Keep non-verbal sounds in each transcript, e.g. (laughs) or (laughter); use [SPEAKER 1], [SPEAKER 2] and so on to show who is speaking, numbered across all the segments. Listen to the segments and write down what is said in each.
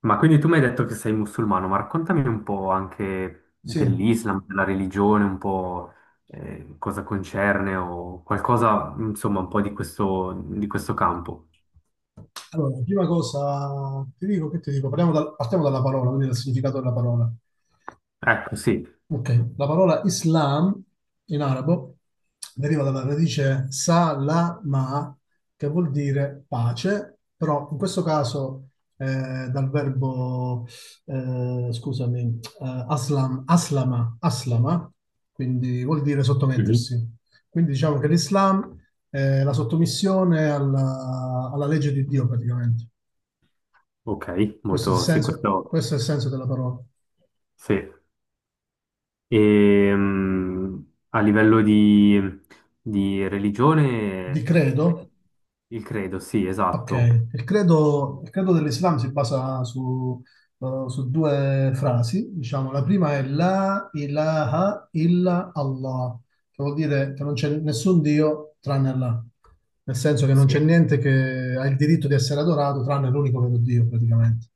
[SPEAKER 1] Ma quindi tu mi hai detto che sei musulmano, ma raccontami un po' anche
[SPEAKER 2] Sì,
[SPEAKER 1] dell'Islam, della religione, un po' cosa concerne o qualcosa, insomma, un po' di questo campo.
[SPEAKER 2] allora, la prima cosa, ti dico, partiamo dalla parola, quindi dal significato della parola.
[SPEAKER 1] Ecco, sì.
[SPEAKER 2] Ok, la parola Islam in arabo deriva dalla radice salama, che vuol dire pace, però in questo caso dal verbo, scusami, aslama, quindi vuol dire
[SPEAKER 1] Mhm.
[SPEAKER 2] sottomettersi. Quindi diciamo che l'Islam è la sottomissione alla legge di Dio praticamente.
[SPEAKER 1] Ok,
[SPEAKER 2] Questo è il
[SPEAKER 1] molto, sì,
[SPEAKER 2] senso,
[SPEAKER 1] questo,
[SPEAKER 2] questo è il senso della parola.
[SPEAKER 1] sì. E, a livello di
[SPEAKER 2] Di
[SPEAKER 1] religione,
[SPEAKER 2] credo?
[SPEAKER 1] eh, il credo, sì,
[SPEAKER 2] Ok.
[SPEAKER 1] esatto.
[SPEAKER 2] Il credo dell'Islam si basa su due frasi. Diciamo, la prima è La ilaha illa Allah, che vuol dire che non c'è nessun Dio tranne Allah. Nel senso che non c'è
[SPEAKER 1] Sì.
[SPEAKER 2] niente che ha il diritto di essere adorato tranne l'unico vero Dio, praticamente.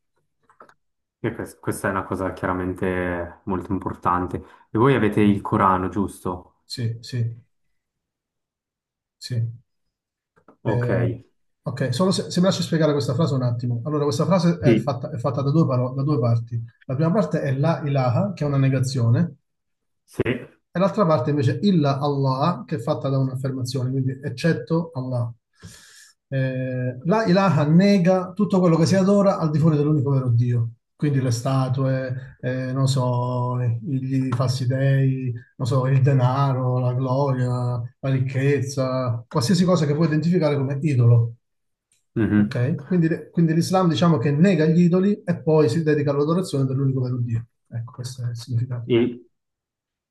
[SPEAKER 1] E questa è una cosa chiaramente molto importante. E voi avete il Corano, giusto?
[SPEAKER 2] Sì, sì. Sì.
[SPEAKER 1] Ok.
[SPEAKER 2] Eh, ok, solo se mi lasci spiegare questa frase un attimo. Allora, questa frase è
[SPEAKER 1] Sì.
[SPEAKER 2] fatta, è fatta da due parti. La prima parte è la ilaha, che è una negazione,
[SPEAKER 1] Sì.
[SPEAKER 2] e l'altra parte invece illa Allah, che è fatta da un'affermazione, quindi eccetto Allah. La ilaha nega tutto quello che si adora al di fuori dell'unico vero Dio. Quindi le statue, non so, i falsi dei, non so, il denaro, la gloria, la ricchezza, qualsiasi cosa che puoi identificare come idolo.
[SPEAKER 1] Mhm.
[SPEAKER 2] Ok? Quindi l'Islam diciamo che nega gli idoli e poi si dedica all'adorazione dell'unico vero Dio. Ecco, questo è il significato.
[SPEAKER 1] E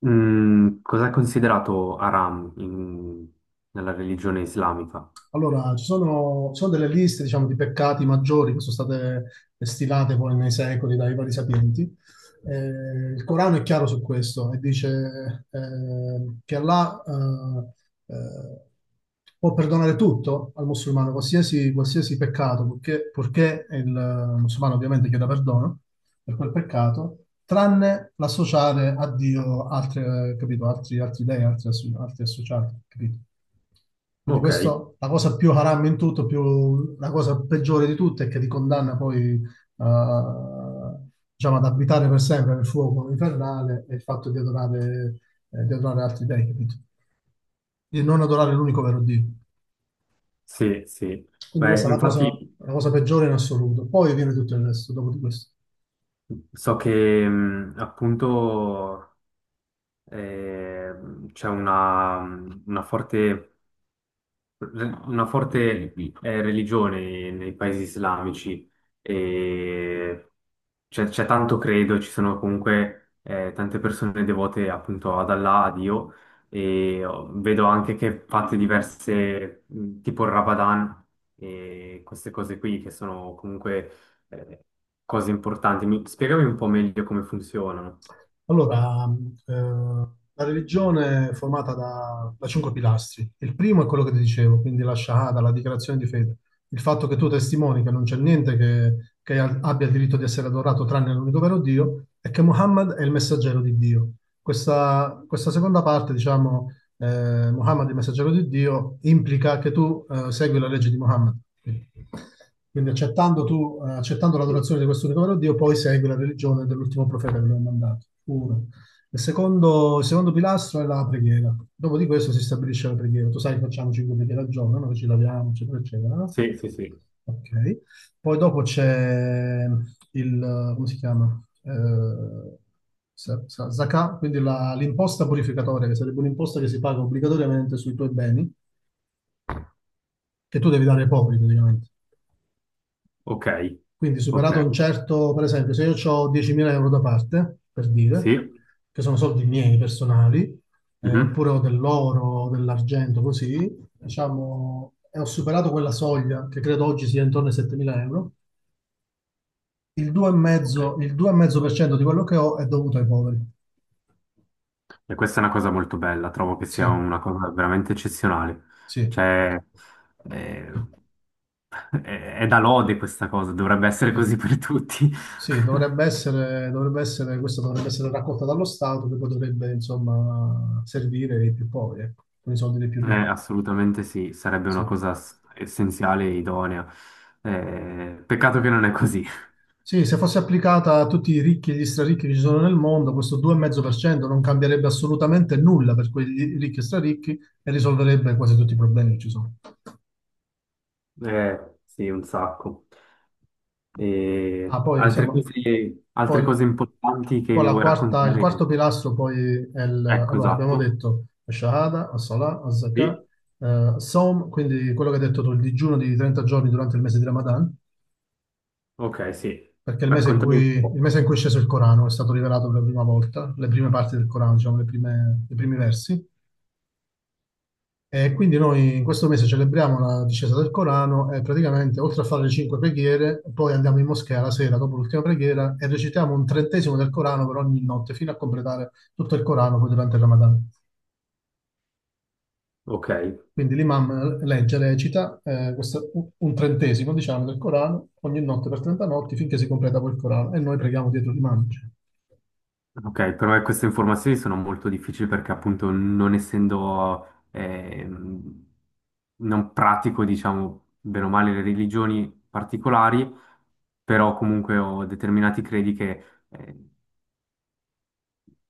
[SPEAKER 1] cosa è considerato haram nella religione islamica?
[SPEAKER 2] Allora, ci sono delle liste, diciamo, di peccati maggiori che sono state stilate poi nei secoli dai vari sapienti. Il Corano è chiaro su questo e dice che Allah eh, eh, può perdonare tutto al musulmano, qualsiasi peccato, purché il musulmano ovviamente chieda perdono per quel peccato, tranne l'associare a Dio capito, altri dei, altri associati, capito? Quindi
[SPEAKER 1] Ok.
[SPEAKER 2] questo, la cosa più haram in tutto, la cosa peggiore di tutte è che ti condanna poi, diciamo, ad abitare per sempre nel fuoco infernale e il fatto di adorare altri dei, capito? Di non adorare l'unico vero Dio.
[SPEAKER 1] Sì, sì.
[SPEAKER 2] Quindi
[SPEAKER 1] Beh,
[SPEAKER 2] questa è la cosa,
[SPEAKER 1] infatti
[SPEAKER 2] la cosa peggiore in assoluto. Poi viene tutto il resto dopo di questo.
[SPEAKER 1] so che appunto eh, c'è una forte una forte religione nei paesi islamici e c'è tanto credo, ci sono comunque tante persone devote appunto ad Allah, a Dio e oh, vedo anche che fate diverse, tipo il Ramadan e queste cose qui che sono comunque eh, cose importanti. Mi- spiegami un po' meglio come funzionano.
[SPEAKER 2] Allora, la religione è formata da cinque pilastri. Il primo è quello che ti dicevo, quindi la Shahada, la dichiarazione di fede. Il fatto che tu testimoni che non c'è niente che abbia il diritto di essere adorato tranne l'unico vero Dio e che Muhammad è il messaggero di Dio. Questa seconda parte, diciamo, Muhammad è il messaggero di Dio, implica che tu segui la legge di Muhammad. Quindi accettando
[SPEAKER 1] Sì,
[SPEAKER 2] l'adorazione di questo unico vero Dio, poi segui la religione dell'ultimo profeta che lo ha mandato. Uno. Il secondo pilastro è la preghiera. Dopo di questo si stabilisce la preghiera. Tu sai, che facciamo 5 preghiere al giorno, noi ci laviamo, eccetera, eccetera, no?
[SPEAKER 1] sì, sì. Sì.
[SPEAKER 2] Ok. Poi dopo c'è il, come si chiama? Zakat, quindi l'imposta purificatoria, che sarebbe un'imposta che si paga obbligatoriamente sui tuoi beni, che tu devi dare ai poveri praticamente.
[SPEAKER 1] Ok,
[SPEAKER 2] Quindi
[SPEAKER 1] ok.
[SPEAKER 2] superato un certo, per esempio, se io ho 10.000 euro da parte, per dire,
[SPEAKER 1] Sì.
[SPEAKER 2] che sono soldi miei personali,
[SPEAKER 1] Mhm.
[SPEAKER 2] oppure ho dell'oro, o dell'argento, così, diciamo, e ho superato quella soglia, che credo oggi sia intorno ai 7.000 euro. Il
[SPEAKER 1] Ok.
[SPEAKER 2] 2,5, il 2,5% di quello che ho è dovuto ai poveri.
[SPEAKER 1] E questa è una cosa molto bella, trovo che sia
[SPEAKER 2] Sì,
[SPEAKER 1] una cosa veramente eccezionale.
[SPEAKER 2] sì,
[SPEAKER 1] Cioè, eh, (laughs) è da lode questa cosa, dovrebbe essere
[SPEAKER 2] sì.
[SPEAKER 1] così per tutti.
[SPEAKER 2] Sì,
[SPEAKER 1] (laughs)
[SPEAKER 2] questa dovrebbe essere raccolta dallo Stato che poi dovrebbe, insomma, servire ai più poveri, ecco, con i soldi dei più ricchi.
[SPEAKER 1] Assolutamente sì, sarebbe
[SPEAKER 2] Sì.
[SPEAKER 1] una cosa essenziale e idonea. Peccato che non è così. (laughs)
[SPEAKER 2] Sì, se fosse applicata a tutti i ricchi e gli straricchi che ci sono nel mondo, questo 2,5% non cambierebbe assolutamente nulla per quei ricchi e straricchi e risolverebbe quasi tutti i problemi che ci sono.
[SPEAKER 1] Sì, un sacco. E
[SPEAKER 2] Ah, poi diciamo,
[SPEAKER 1] altre
[SPEAKER 2] poi,
[SPEAKER 1] cose importanti che
[SPEAKER 2] poi
[SPEAKER 1] mi vuoi
[SPEAKER 2] il
[SPEAKER 1] raccontare?
[SPEAKER 2] quarto pilastro poi
[SPEAKER 1] Ecco,
[SPEAKER 2] allora abbiamo
[SPEAKER 1] esatto.
[SPEAKER 2] detto Shahada, As-Salah, Az-Zakah,
[SPEAKER 1] Sì.
[SPEAKER 2] Saum, quindi quello che hai detto tu, il digiuno di 30 giorni durante il mese di Ramadan,
[SPEAKER 1] Ok, sì.
[SPEAKER 2] perché è il mese in
[SPEAKER 1] Raccontami un
[SPEAKER 2] cui, il
[SPEAKER 1] po'.
[SPEAKER 2] mese in cui è sceso il Corano, è stato rivelato per la prima volta, le prime parti del Corano, diciamo, i primi versi. E quindi noi in questo mese celebriamo la discesa del Corano e praticamente oltre a fare le cinque preghiere, poi andiamo in moschea la sera dopo l'ultima preghiera e recitiamo un trentesimo del Corano per ogni notte fino a completare tutto il Corano poi durante il Ramadan.
[SPEAKER 1] Ok.
[SPEAKER 2] Quindi l'imam legge, recita un trentesimo diciamo del Corano ogni notte per 30 notti finché si completa poi il Corano e noi preghiamo dietro l'imam, diciamo.
[SPEAKER 1] Ok, però queste informazioni sono molto difficili perché appunto non essendo, non pratico, diciamo, bene o male le religioni particolari, però comunque ho determinati credi che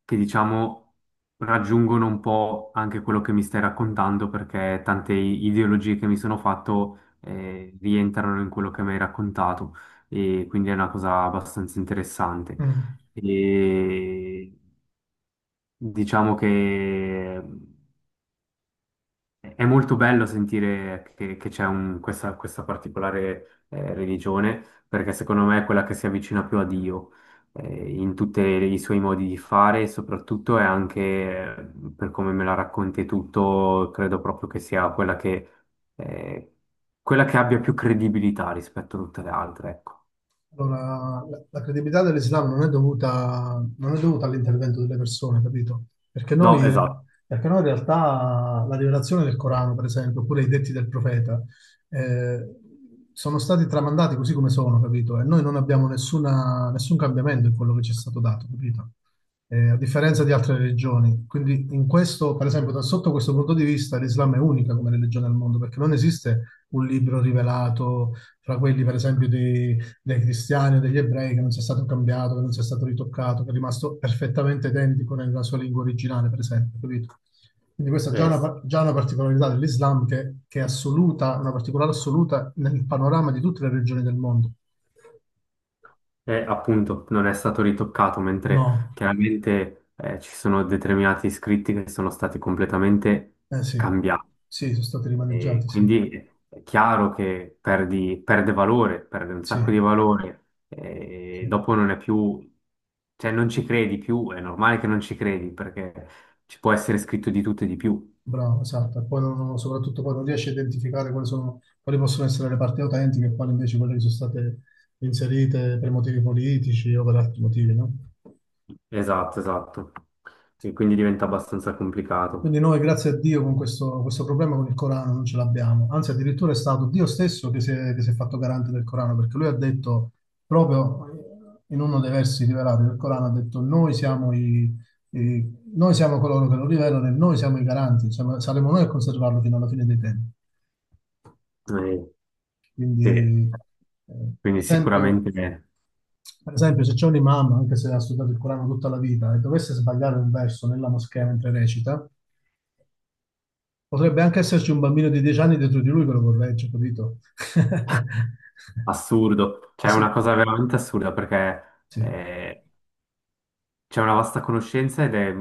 [SPEAKER 1] che diciamo raggiungono un po' anche quello che mi stai raccontando perché tante ideologie che mi sono fatto, rientrano in quello che mi hai raccontato e quindi è una cosa abbastanza interessante.
[SPEAKER 2] Mm.
[SPEAKER 1] E diciamo che è molto bello sentire che questa, questa particolare religione, perché secondo me è quella che si avvicina più a Dio in tutti i suoi modi di fare, e soprattutto è anche, per come me la racconti e tutto, credo proprio che sia quella che, eh, quella che abbia più credibilità rispetto a tutte le altre, ecco.
[SPEAKER 2] Allora, la credibilità dell'Islam non è dovuta all'intervento delle persone, capito? Perché
[SPEAKER 1] No,
[SPEAKER 2] noi,
[SPEAKER 1] esatto.
[SPEAKER 2] perché noi in realtà la rivelazione del Corano, per esempio, oppure i detti del profeta, eh, sono stati tramandati così come sono, capito? E noi non abbiamo nessun cambiamento in quello che ci è stato dato, capito? A differenza di altre religioni. Quindi in questo, per esempio, da sotto questo punto di vista, l'Islam è unica come religione al mondo, perché non esiste un libro rivelato fra quelli, per esempio, di dei cristiani o degli ebrei, che non sia stato cambiato, che non sia stato ritoccato, che è rimasto perfettamente identico nella sua lingua originale, per esempio, capito? Quindi questa è già
[SPEAKER 1] Eh,
[SPEAKER 2] una particolarità dell'Islam che è assoluta, una particolare assoluta nel panorama di tutte le regioni del mondo.
[SPEAKER 1] eh, appunto, non è stato ritoccato, mentre
[SPEAKER 2] No,
[SPEAKER 1] chiaramente ci sono determinati scritti che sono stati completamente
[SPEAKER 2] eh sì,
[SPEAKER 1] cambiati.
[SPEAKER 2] sì, sono stati
[SPEAKER 1] E
[SPEAKER 2] rimaneggiati, sì,
[SPEAKER 1] quindi è chiaro che perde valore, perde un sacco di
[SPEAKER 2] sì,
[SPEAKER 1] valore,
[SPEAKER 2] sì.
[SPEAKER 1] e dopo non è più, cioè non ci credi più, è normale che non ci credi, perché ci può essere scritto di tutto e di più.
[SPEAKER 2] Bravo, esatto. E poi soprattutto poi non riesci a identificare quali sono, quali possono essere le parti autentiche e quali invece quelle che sono state inserite per motivi politici o per altri motivi, no?
[SPEAKER 1] Esatto, esatto. E quindi diventa abbastanza
[SPEAKER 2] Quindi
[SPEAKER 1] complicato.
[SPEAKER 2] noi, grazie a Dio, con questo problema con il Corano non ce l'abbiamo. Anzi, addirittura è stato Dio stesso che si è fatto garante del Corano, perché lui ha detto, proprio in uno dei versi rivelati del Corano, ha detto, noi siamo coloro che lo rivelano e noi siamo i garanti, saremo noi a conservarlo fino alla fine dei tempi.
[SPEAKER 1] Eh, sì.
[SPEAKER 2] Quindi, eh,
[SPEAKER 1] Quindi
[SPEAKER 2] per esempio,
[SPEAKER 1] sicuramente.
[SPEAKER 2] per esempio, se c'è un imam, anche se ha studiato il Corano tutta la vita, e dovesse sbagliare un verso nella moschea mentre recita. Potrebbe anche esserci un bambino di 10 anni dietro di lui che lo corregge, capito? (laughs)
[SPEAKER 1] Assurdo,
[SPEAKER 2] Eh
[SPEAKER 1] cioè è una
[SPEAKER 2] sì,
[SPEAKER 1] cosa veramente assurda perché
[SPEAKER 2] sì,
[SPEAKER 1] eh, c'è una vasta conoscenza ed è,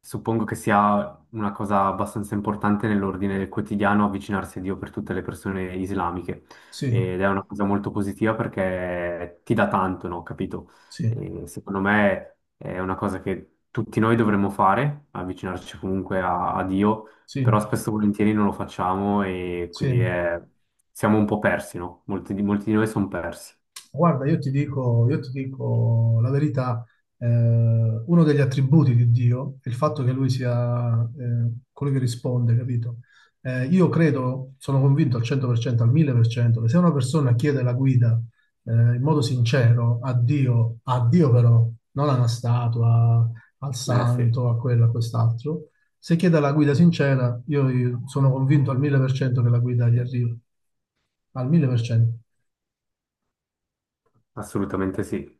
[SPEAKER 1] suppongo che sia una cosa abbastanza importante nell'ordine del quotidiano avvicinarsi a Dio per tutte le persone islamiche.
[SPEAKER 2] sì,
[SPEAKER 1] Ed è una cosa molto positiva perché ti dà tanto, no? Capito?
[SPEAKER 2] sì,
[SPEAKER 1] E secondo me è una cosa che tutti noi dovremmo fare, avvicinarci comunque a, a Dio,
[SPEAKER 2] sì,
[SPEAKER 1] però spesso e volentieri non lo facciamo e
[SPEAKER 2] sì.
[SPEAKER 1] siamo un po' persi, no? Molti di noi sono persi.
[SPEAKER 2] Guarda, io ti dico la verità, uno degli attributi di Dio è il fatto che lui sia quello che risponde, capito? Io credo, sono convinto al 100%, al 1000%, che se una persona chiede la guida in modo sincero a Dio però, non a una statua, al
[SPEAKER 1] Eh sì,
[SPEAKER 2] santo, a quello, a quest'altro, se chiede la guida sincera, io sono convinto al 1000% che la guida gli arriva, al 1000%.
[SPEAKER 1] assolutamente sì.